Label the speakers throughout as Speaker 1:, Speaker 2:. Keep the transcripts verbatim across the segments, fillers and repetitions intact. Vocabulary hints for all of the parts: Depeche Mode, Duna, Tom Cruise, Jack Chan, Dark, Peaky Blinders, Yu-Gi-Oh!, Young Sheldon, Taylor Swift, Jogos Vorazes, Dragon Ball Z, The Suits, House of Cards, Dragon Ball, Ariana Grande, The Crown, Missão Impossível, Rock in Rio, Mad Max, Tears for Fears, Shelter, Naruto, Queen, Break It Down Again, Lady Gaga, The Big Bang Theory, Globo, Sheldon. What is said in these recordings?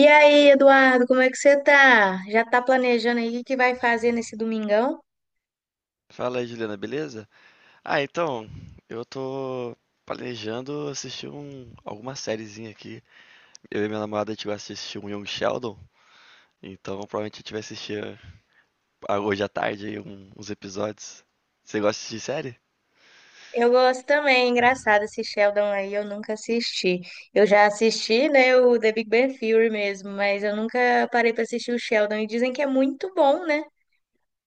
Speaker 1: E aí, Eduardo, como é que você tá? Já tá planejando aí o que vai fazer nesse domingão?
Speaker 2: Fala aí, Juliana, beleza? Ah, então, eu tô planejando assistir um, alguma sériezinha aqui. Eu e minha namorada, a gente vai assistir um Young Sheldon, então provavelmente a gente vai assistir ah, hoje à tarde aí um- uns episódios. Você gosta de assistir série?
Speaker 1: Eu gosto também, é engraçado esse Sheldon aí, eu nunca assisti. Eu já assisti, né, o The Big Bang Theory mesmo, mas eu nunca parei pra assistir o Sheldon e dizem que é muito bom, né?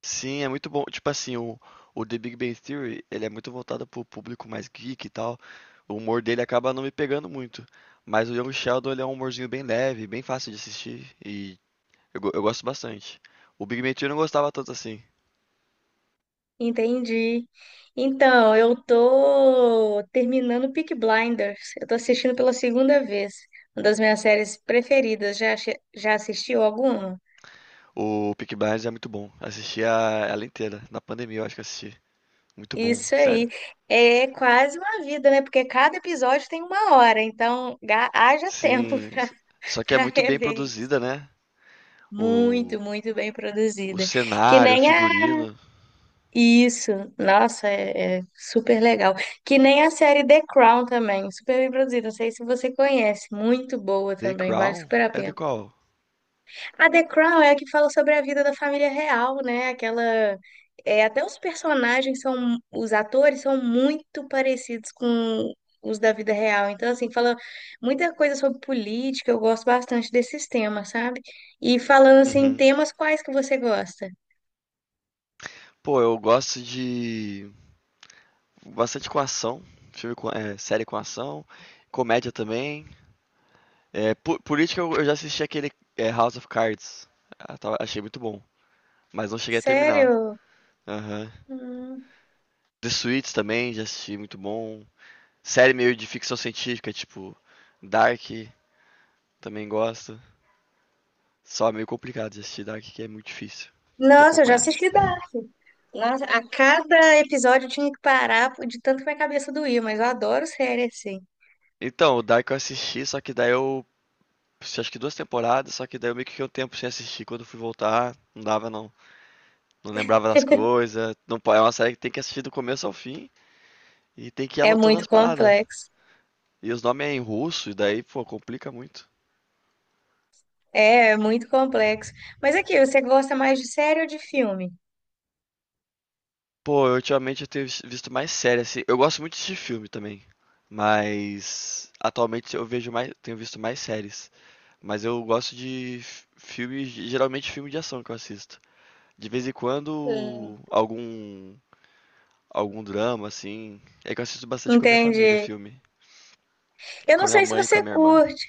Speaker 2: Sim, é muito bom. Tipo assim, o, o The Big Bang Theory, ele é muito voltado pro público mais geek e tal. O humor dele acaba não me pegando muito. Mas o Young Sheldon, ele é um humorzinho bem leve, bem fácil de assistir e Eu, go- eu gosto bastante. O Big Bang eu não gostava tanto assim.
Speaker 1: Entendi. Então, eu tô terminando Peaky Blinders. Eu tô assistindo pela segunda vez. Uma das minhas séries preferidas. Já, ache- já assistiu alguma?
Speaker 2: O Peaky Blinders é muito bom. Assisti a, ela inteira. Na pandemia eu acho que eu assisti. Muito bom,
Speaker 1: Isso
Speaker 2: sério.
Speaker 1: aí. É quase uma vida, né? Porque cada episódio tem uma hora, então ga- haja tempo
Speaker 2: Sim.
Speaker 1: para
Speaker 2: s- Só que é
Speaker 1: para
Speaker 2: muito bem
Speaker 1: rever isso.
Speaker 2: produzida, né? O,
Speaker 1: Muito, muito bem
Speaker 2: o
Speaker 1: produzida. Que
Speaker 2: cenário, o
Speaker 1: nem a.
Speaker 2: figurino.
Speaker 1: Isso, nossa, é, é super legal. Que nem a série The Crown também, super bem produzida. Não sei se você conhece, muito boa
Speaker 2: The
Speaker 1: também, vale
Speaker 2: Crown?
Speaker 1: super a
Speaker 2: É The
Speaker 1: pena.
Speaker 2: Crown.
Speaker 1: A The Crown é a que fala sobre a vida da família real, né? Aquela. É, até os personagens são. Os atores são muito parecidos com os da vida real. Então, assim, fala muita coisa sobre política. Eu gosto bastante desses temas, sabe? E falando, assim,
Speaker 2: Uhum.
Speaker 1: temas quais que você gosta?
Speaker 2: Pô, eu gosto de. Bastante com ação. Filme com, é, série com ação. Comédia também. É, po- política eu, eu já assisti aquele é, House of Cards. Ah, tava- achei muito bom. Mas não cheguei a terminar.
Speaker 1: Sério?
Speaker 2: Aham.
Speaker 1: Hum.
Speaker 2: The Suits também, já assisti, muito bom. Série meio de ficção científica, tipo Dark, também gosto. Só é meio complicado de assistir Dark, que é muito difícil de
Speaker 1: Nossa, eu já
Speaker 2: acompanhar.
Speaker 1: assisti. da- Nossa, a cada episódio eu tinha que parar de tanto que minha cabeça doía, mas eu adoro série, assim.
Speaker 2: Então, o Dark eu assisti, só que daí eu assisti, acho que duas temporadas, só que daí eu meio que fiquei um tempo sem assistir. Quando eu fui voltar, não dava não. Não lembrava das coisas. Não, po- É uma série que tem que assistir do começo ao fim e tem que ir
Speaker 1: É
Speaker 2: anotando
Speaker 1: muito
Speaker 2: as paradas.
Speaker 1: complexo.
Speaker 2: E os nomes é em russo, e daí, pô, complica muito.
Speaker 1: É, é muito complexo. Mas aqui, você gosta mais de série ou de filme?
Speaker 2: Pô, eu, ultimamente eu tenho vis- visto mais séries assim. Eu gosto muito de filme também, mas atualmente eu vejo mais, tenho visto mais séries. Mas eu gosto de f- filmes, geralmente filme de ação que eu assisto. De vez em
Speaker 1: Hum.
Speaker 2: quando algum algum drama, assim. É que eu assisto bastante com a minha
Speaker 1: Entendi.
Speaker 2: família, filme,
Speaker 1: Eu
Speaker 2: com
Speaker 1: não
Speaker 2: a minha
Speaker 1: sei se
Speaker 2: mãe e com a
Speaker 1: você
Speaker 2: minha irmã.
Speaker 1: curte.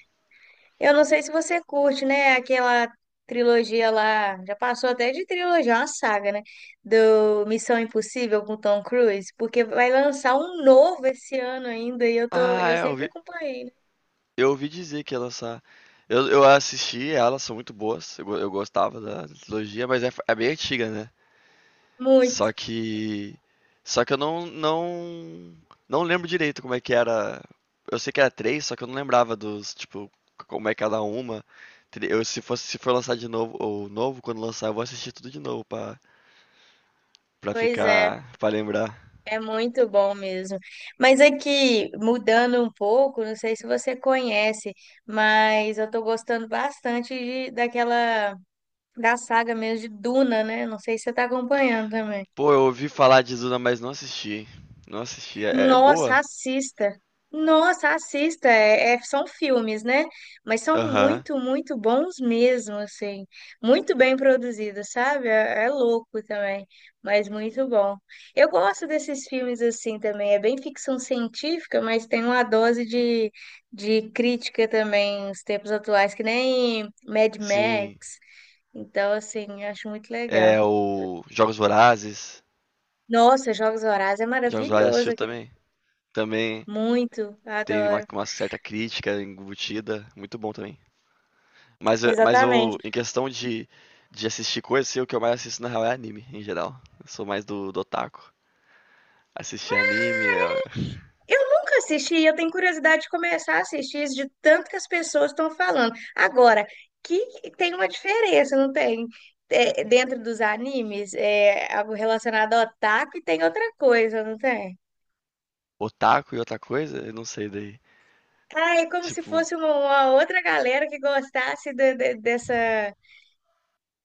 Speaker 1: Eu não sei se você curte, né? Aquela trilogia lá. Já passou até de trilogia, é uma saga, né? Do Missão Impossível com Tom Cruise. Porque vai lançar um novo esse ano ainda. E eu tô,
Speaker 2: Ah,
Speaker 1: eu
Speaker 2: é, eu
Speaker 1: sempre
Speaker 2: ouvi,
Speaker 1: acompanhei, né?
Speaker 2: eu ouvi dizer que ia lançar. Eu, eu assisti, elas são muito boas. Eu, go- eu gostava da trilogia, mas é, f- é bem antiga, né?
Speaker 1: Muito.
Speaker 2: Só que só que eu não não não lembro direito como é que era. Eu sei que era três, só que eu não lembrava dos, tipo, como é cada uma. Tre- Eu, se fosse, Se for lançar de novo, ou novo, quando lançar, eu vou assistir tudo de novo pra, pra
Speaker 1: Pois é.
Speaker 2: ficar, pra lembrar.
Speaker 1: É muito bom mesmo. Mas aqui, mudando um pouco, não sei se você conhece, mas eu tô gostando bastante de- daquela, da saga mesmo de Duna, né? Não sei se você tá acompanhando também.
Speaker 2: Pô, eu ouvi falar de Duna, mas não assisti. Não assisti. É, é
Speaker 1: Nossa,
Speaker 2: boa?
Speaker 1: assista. Nossa, assista. É- é- são filmes, né? Mas são
Speaker 2: Aham.
Speaker 1: muito, muito bons mesmo, assim. Muito bem produzidos, sabe? É, é louco também, mas muito bom. Eu gosto desses filmes assim também. É bem ficção científica, mas tem uma dose de, de crítica também, os tempos atuais, que nem Mad
Speaker 2: Sim.
Speaker 1: Max. Então, assim, acho muito legal.
Speaker 2: É o Jogos Vorazes.
Speaker 1: Nossa, Jogos Vorazes é
Speaker 2: Jogos Vorazes
Speaker 1: maravilhoso
Speaker 2: assistiu
Speaker 1: aquele.
Speaker 2: também? Também
Speaker 1: Muito,
Speaker 2: tem uma,
Speaker 1: adoro.
Speaker 2: uma certa crítica embutida. Muito bom também. Mas, eu- mas eu,
Speaker 1: Exatamente.
Speaker 2: em questão de, de assistir coisas, assim, o que eu mais assisto na real é anime, em geral. Eu sou mais do, do otaku. Assistir anime, é,
Speaker 1: Eu nunca assisti, eu tenho curiosidade de começar a assistir de tanto que as pessoas estão falando. Agora, que que- tem uma diferença, não tem? É, dentro dos animes, é algo relacionado ao otaku e tem outra coisa, não tem?
Speaker 2: otaku e outra coisa, eu não sei daí.
Speaker 1: Ah, é como se
Speaker 2: Tipo,
Speaker 1: fosse uma, uma outra galera que gostasse de- de- dessa.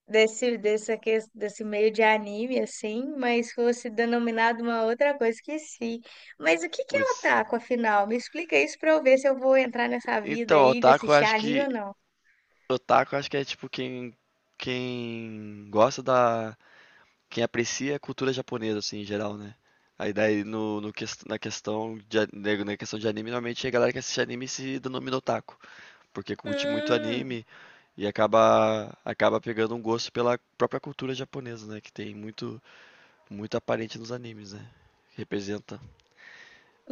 Speaker 1: desse, dessa, ques- desse meio de anime, assim, mas fosse denominado uma outra coisa, esqueci. Mas o que que é
Speaker 2: putz.
Speaker 1: otaku, afinal? Me explica isso pra eu ver se eu vou entrar nessa vida
Speaker 2: Então,
Speaker 1: aí de
Speaker 2: otaku eu
Speaker 1: assistir
Speaker 2: acho
Speaker 1: anime
Speaker 2: que.
Speaker 1: ou não.
Speaker 2: Otaku eu acho que é tipo quem. Quem gosta da. Quem aprecia a cultura japonesa, assim, em geral, né? Aí daí no, no ques- na questão de, a- na na questão de anime, normalmente a galera que assiste anime se denomina otaku. Porque curte muito
Speaker 1: Hum,
Speaker 2: anime e acaba acaba pegando um gosto pela própria cultura japonesa, né? Que tem muito muito aparente nos animes, né? Representa.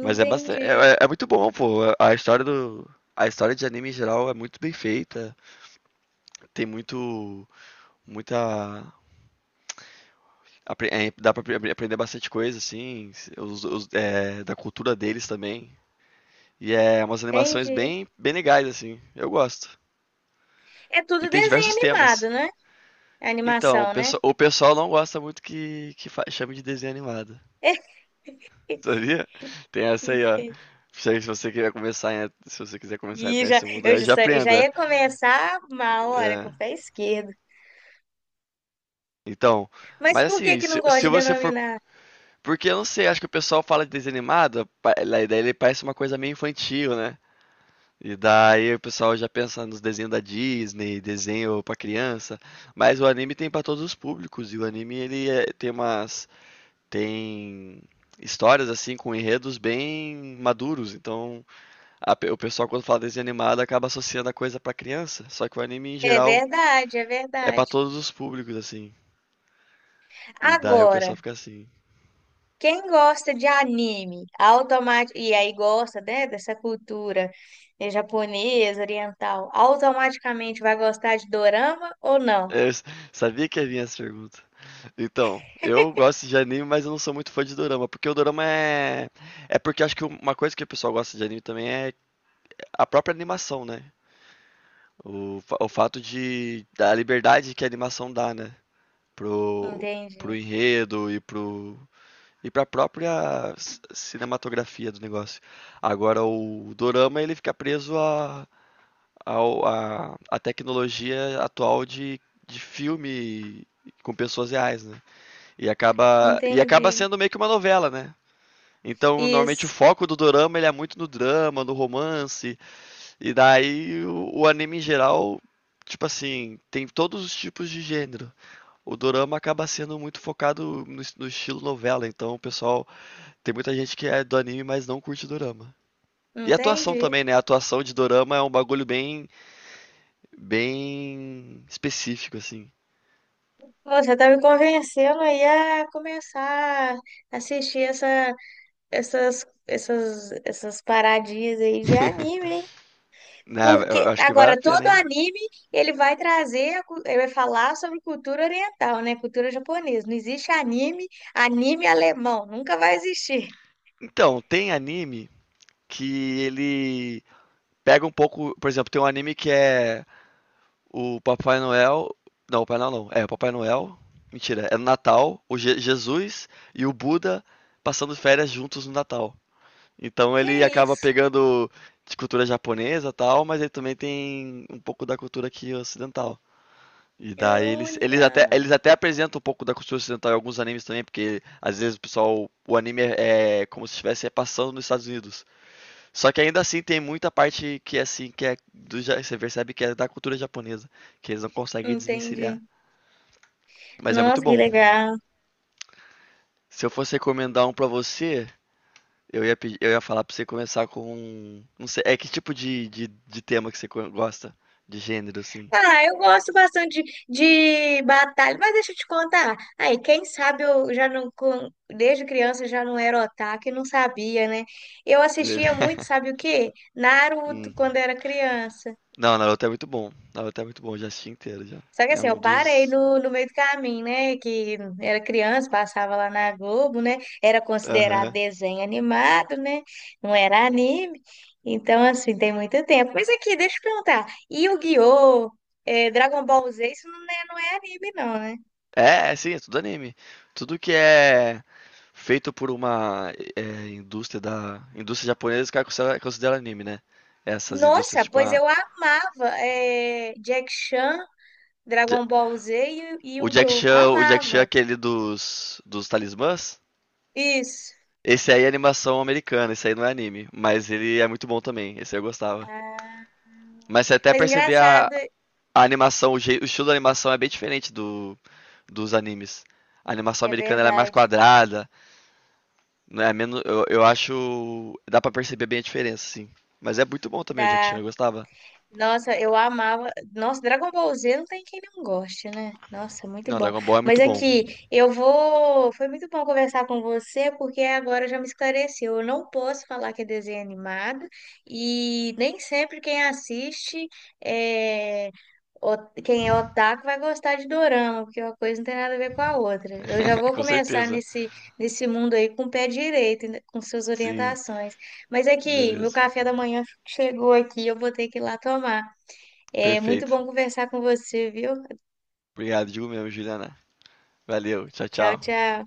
Speaker 2: Mas é bastante, é, é é muito bom, pô. A história do a história de anime em geral é muito bem feita. Tem muito muita apre- é, dá pra apre- aprender bastante coisa assim, os- os- é, da cultura deles também. E é umas animações
Speaker 1: entendi.
Speaker 2: bem bem legais assim. Eu gosto.
Speaker 1: É
Speaker 2: E
Speaker 1: tudo
Speaker 2: tem
Speaker 1: desenho
Speaker 2: diversos
Speaker 1: animado,
Speaker 2: temas.
Speaker 1: né? É
Speaker 2: Então, o
Speaker 1: animação, né?
Speaker 2: pesso- o pessoal não gosta muito que, que fa- chame de desenho animado, sabia? Tem essa aí, ó.
Speaker 1: Entendi.
Speaker 2: Se se você quiser começar, em- se você quiser começar a
Speaker 1: E
Speaker 2: entrar
Speaker 1: já,
Speaker 2: nesse mundo,
Speaker 1: eu
Speaker 2: aí
Speaker 1: já,
Speaker 2: já
Speaker 1: sa- já
Speaker 2: aprenda.
Speaker 1: ia começar uma hora com
Speaker 2: É,
Speaker 1: o pé esquerdo.
Speaker 2: então,
Speaker 1: Mas
Speaker 2: mas
Speaker 1: por que
Speaker 2: assim,
Speaker 1: que não
Speaker 2: se,
Speaker 1: gosta
Speaker 2: se
Speaker 1: de
Speaker 2: você for,
Speaker 1: denominar?
Speaker 2: porque eu não sei, acho que o pessoal fala de desenho animado, pa- lá- daí ele parece uma coisa meio infantil, né? E daí o pessoal já pensa nos desenhos da Disney, desenho pra criança, mas o anime tem pra todos os públicos e o anime ele é- tem umas tem histórias assim com enredos bem maduros. Então, a o pessoal quando fala desenho animado acaba associando a coisa pra criança, só que o anime em
Speaker 1: É
Speaker 2: geral
Speaker 1: verdade, é
Speaker 2: é pra
Speaker 1: verdade.
Speaker 2: todos os públicos assim. E daí o
Speaker 1: Agora,
Speaker 2: pessoal fica assim.
Speaker 1: quem gosta de anime, automaticamente, e aí gosta, né, dessa cultura eh, japonesa, oriental, automaticamente vai gostar de dorama ou não?
Speaker 2: Eu sabia que ia vir essa pergunta. Então, eu gosto de anime, mas eu não sou muito fã de dorama, porque o dorama é é porque acho que uma coisa que o pessoal gosta de anime também é a própria animação, né? O, fa- o fato de da liberdade que a animação dá, né? pro, Pro
Speaker 1: Entendi.
Speaker 2: enredo e pro e para a própria c- cinematografia do negócio. Agora o dorama ele fica preso à a a a tecnologia atual de, de filme com pessoas reais, né? E acaba e
Speaker 1: Entendi.
Speaker 2: acaba sendo meio que uma novela, né? Então, normalmente o
Speaker 1: Isso.
Speaker 2: foco do dorama ele é muito no drama, no romance, e daí o, o anime em geral, tipo assim, tem todos os tipos de gênero. O dorama acaba sendo muito focado no es no estilo novela, então o pessoal tem muita gente que é do anime, mas não curte dorama. E a atuação
Speaker 1: Entendi.
Speaker 2: também, né, a atuação de dorama é um bagulho bem bem específico, assim.
Speaker 1: Você tá me convencendo aí a começar a assistir essa, essas, essas, essas paradinhas aí de anime, hein?
Speaker 2: Na eu
Speaker 1: Porque
Speaker 2: eu acho que vale a
Speaker 1: agora
Speaker 2: pena,
Speaker 1: todo
Speaker 2: hein.
Speaker 1: anime ele vai trazer, a cu- ele vai falar sobre cultura oriental, né? Cultura japonesa. Não existe anime, anime alemão, nunca vai existir.
Speaker 2: Então, tem anime que ele pega um pouco por exemplo, tem um anime que é o Papai Noel não, o Papai Noel não, é o Papai Noel mentira, é no Natal, o Je Jesus e o Buda passando férias juntos no Natal. Então ele
Speaker 1: Que
Speaker 2: acaba
Speaker 1: isso?
Speaker 2: pegando de cultura japonesa e tal, mas ele também tem um pouco da cultura aqui ocidental. E daí eles, eles até,
Speaker 1: Olha,
Speaker 2: eles até apresentam um pouco da cultura ocidental em alguns animes também, porque às vezes o pessoal, o anime é, é como se estivesse passando nos Estados Unidos. Só que ainda assim tem muita parte que é assim, que é do, ja- você percebe que é da cultura japonesa, que eles não conseguem
Speaker 1: entendi.
Speaker 2: desvencilhar. Mas é muito
Speaker 1: Nossa, que
Speaker 2: bom.
Speaker 1: legal.
Speaker 2: Se eu fosse recomendar um pra você, Eu ia, pedir, eu ia falar pra você começar com. Não sei, é que tipo de, de, de tema que você co- gosta? De gênero, assim.
Speaker 1: Ah, eu gosto bastante de, de batalha, mas deixa eu te contar. Aí, quem sabe eu já não, com- desde criança eu já não era otaku e não sabia, né? Eu
Speaker 2: De
Speaker 1: assistia muito,
Speaker 2: verdade.
Speaker 1: sabe o quê? Naruto
Speaker 2: Hum.
Speaker 1: quando era criança.
Speaker 2: Não, Naruto é muito bom. Naruto é muito bom, já assisti inteiro já.
Speaker 1: Só que
Speaker 2: É
Speaker 1: assim, eu
Speaker 2: um
Speaker 1: parei
Speaker 2: dos.
Speaker 1: no, no meio do caminho, né? Que era criança, passava lá na Globo, né? Era considerado
Speaker 2: Aham.
Speaker 1: desenho animado, né? Não era anime. Então, assim, tem muito tempo. Mas aqui, deixa eu perguntar. Yu-Gi-Oh! eh, Dragon Ball Z, isso não é, não é anime, não, né?
Speaker 2: É, é, sim, é tudo anime. Tudo que é feito por uma é, Indústria da. Indústria japonesa, os caras consideram considera anime, né? Essas indústrias,
Speaker 1: Nossa,
Speaker 2: tipo
Speaker 1: pois
Speaker 2: a.
Speaker 1: eu amava eh, Jack Chan,
Speaker 2: Ja-
Speaker 1: Dragon Ball Z e e
Speaker 2: O Jack
Speaker 1: Yu-Gi-Oh!
Speaker 2: Chan, o Jack Chan é
Speaker 1: Amava.
Speaker 2: aquele dos. dos talismãs.
Speaker 1: Isso.
Speaker 2: Esse aí é animação americana, esse aí não é anime, mas ele é muito bom também, esse aí eu gostava. Mas você até
Speaker 1: Mas
Speaker 2: perceber a,
Speaker 1: engraçado,
Speaker 2: a animação, o, jeito, o estilo da animação é bem diferente do, dos animes. A animação
Speaker 1: é
Speaker 2: americana ela é mais
Speaker 1: verdade.
Speaker 2: quadrada, não é menos, eu, eu acho, dá pra perceber bem a diferença, sim. Mas é muito bom também o Jack Chan,
Speaker 1: Da
Speaker 2: eu gostava.
Speaker 1: Nossa, eu amava. Nossa, Dragon Ball Z não tem quem não goste, né? Nossa, é muito
Speaker 2: Não,
Speaker 1: bom.
Speaker 2: Dragon Ball é
Speaker 1: Mas
Speaker 2: muito bom.
Speaker 1: aqui, eu vou. Foi muito bom conversar com você, porque agora já me esclareceu. Eu não posso falar que é desenho animado, e nem sempre quem assiste é. o- Quem é otaku vai gostar de dorama, porque uma coisa não tem nada a ver com a outra. Eu já vou
Speaker 2: Com
Speaker 1: começar
Speaker 2: certeza.
Speaker 1: nesse, nesse mundo aí com o pé direito, com suas
Speaker 2: Sim,
Speaker 1: orientações. Mas aqui, meu
Speaker 2: beleza.
Speaker 1: café da manhã. Chegou aqui, eu vou ter que ir lá tomar. É muito
Speaker 2: Perfeito.
Speaker 1: bom conversar com você, viu?
Speaker 2: Obrigado, digo mesmo, Juliana. Valeu, tchau,
Speaker 1: Tchau,
Speaker 2: tchau.
Speaker 1: tchau.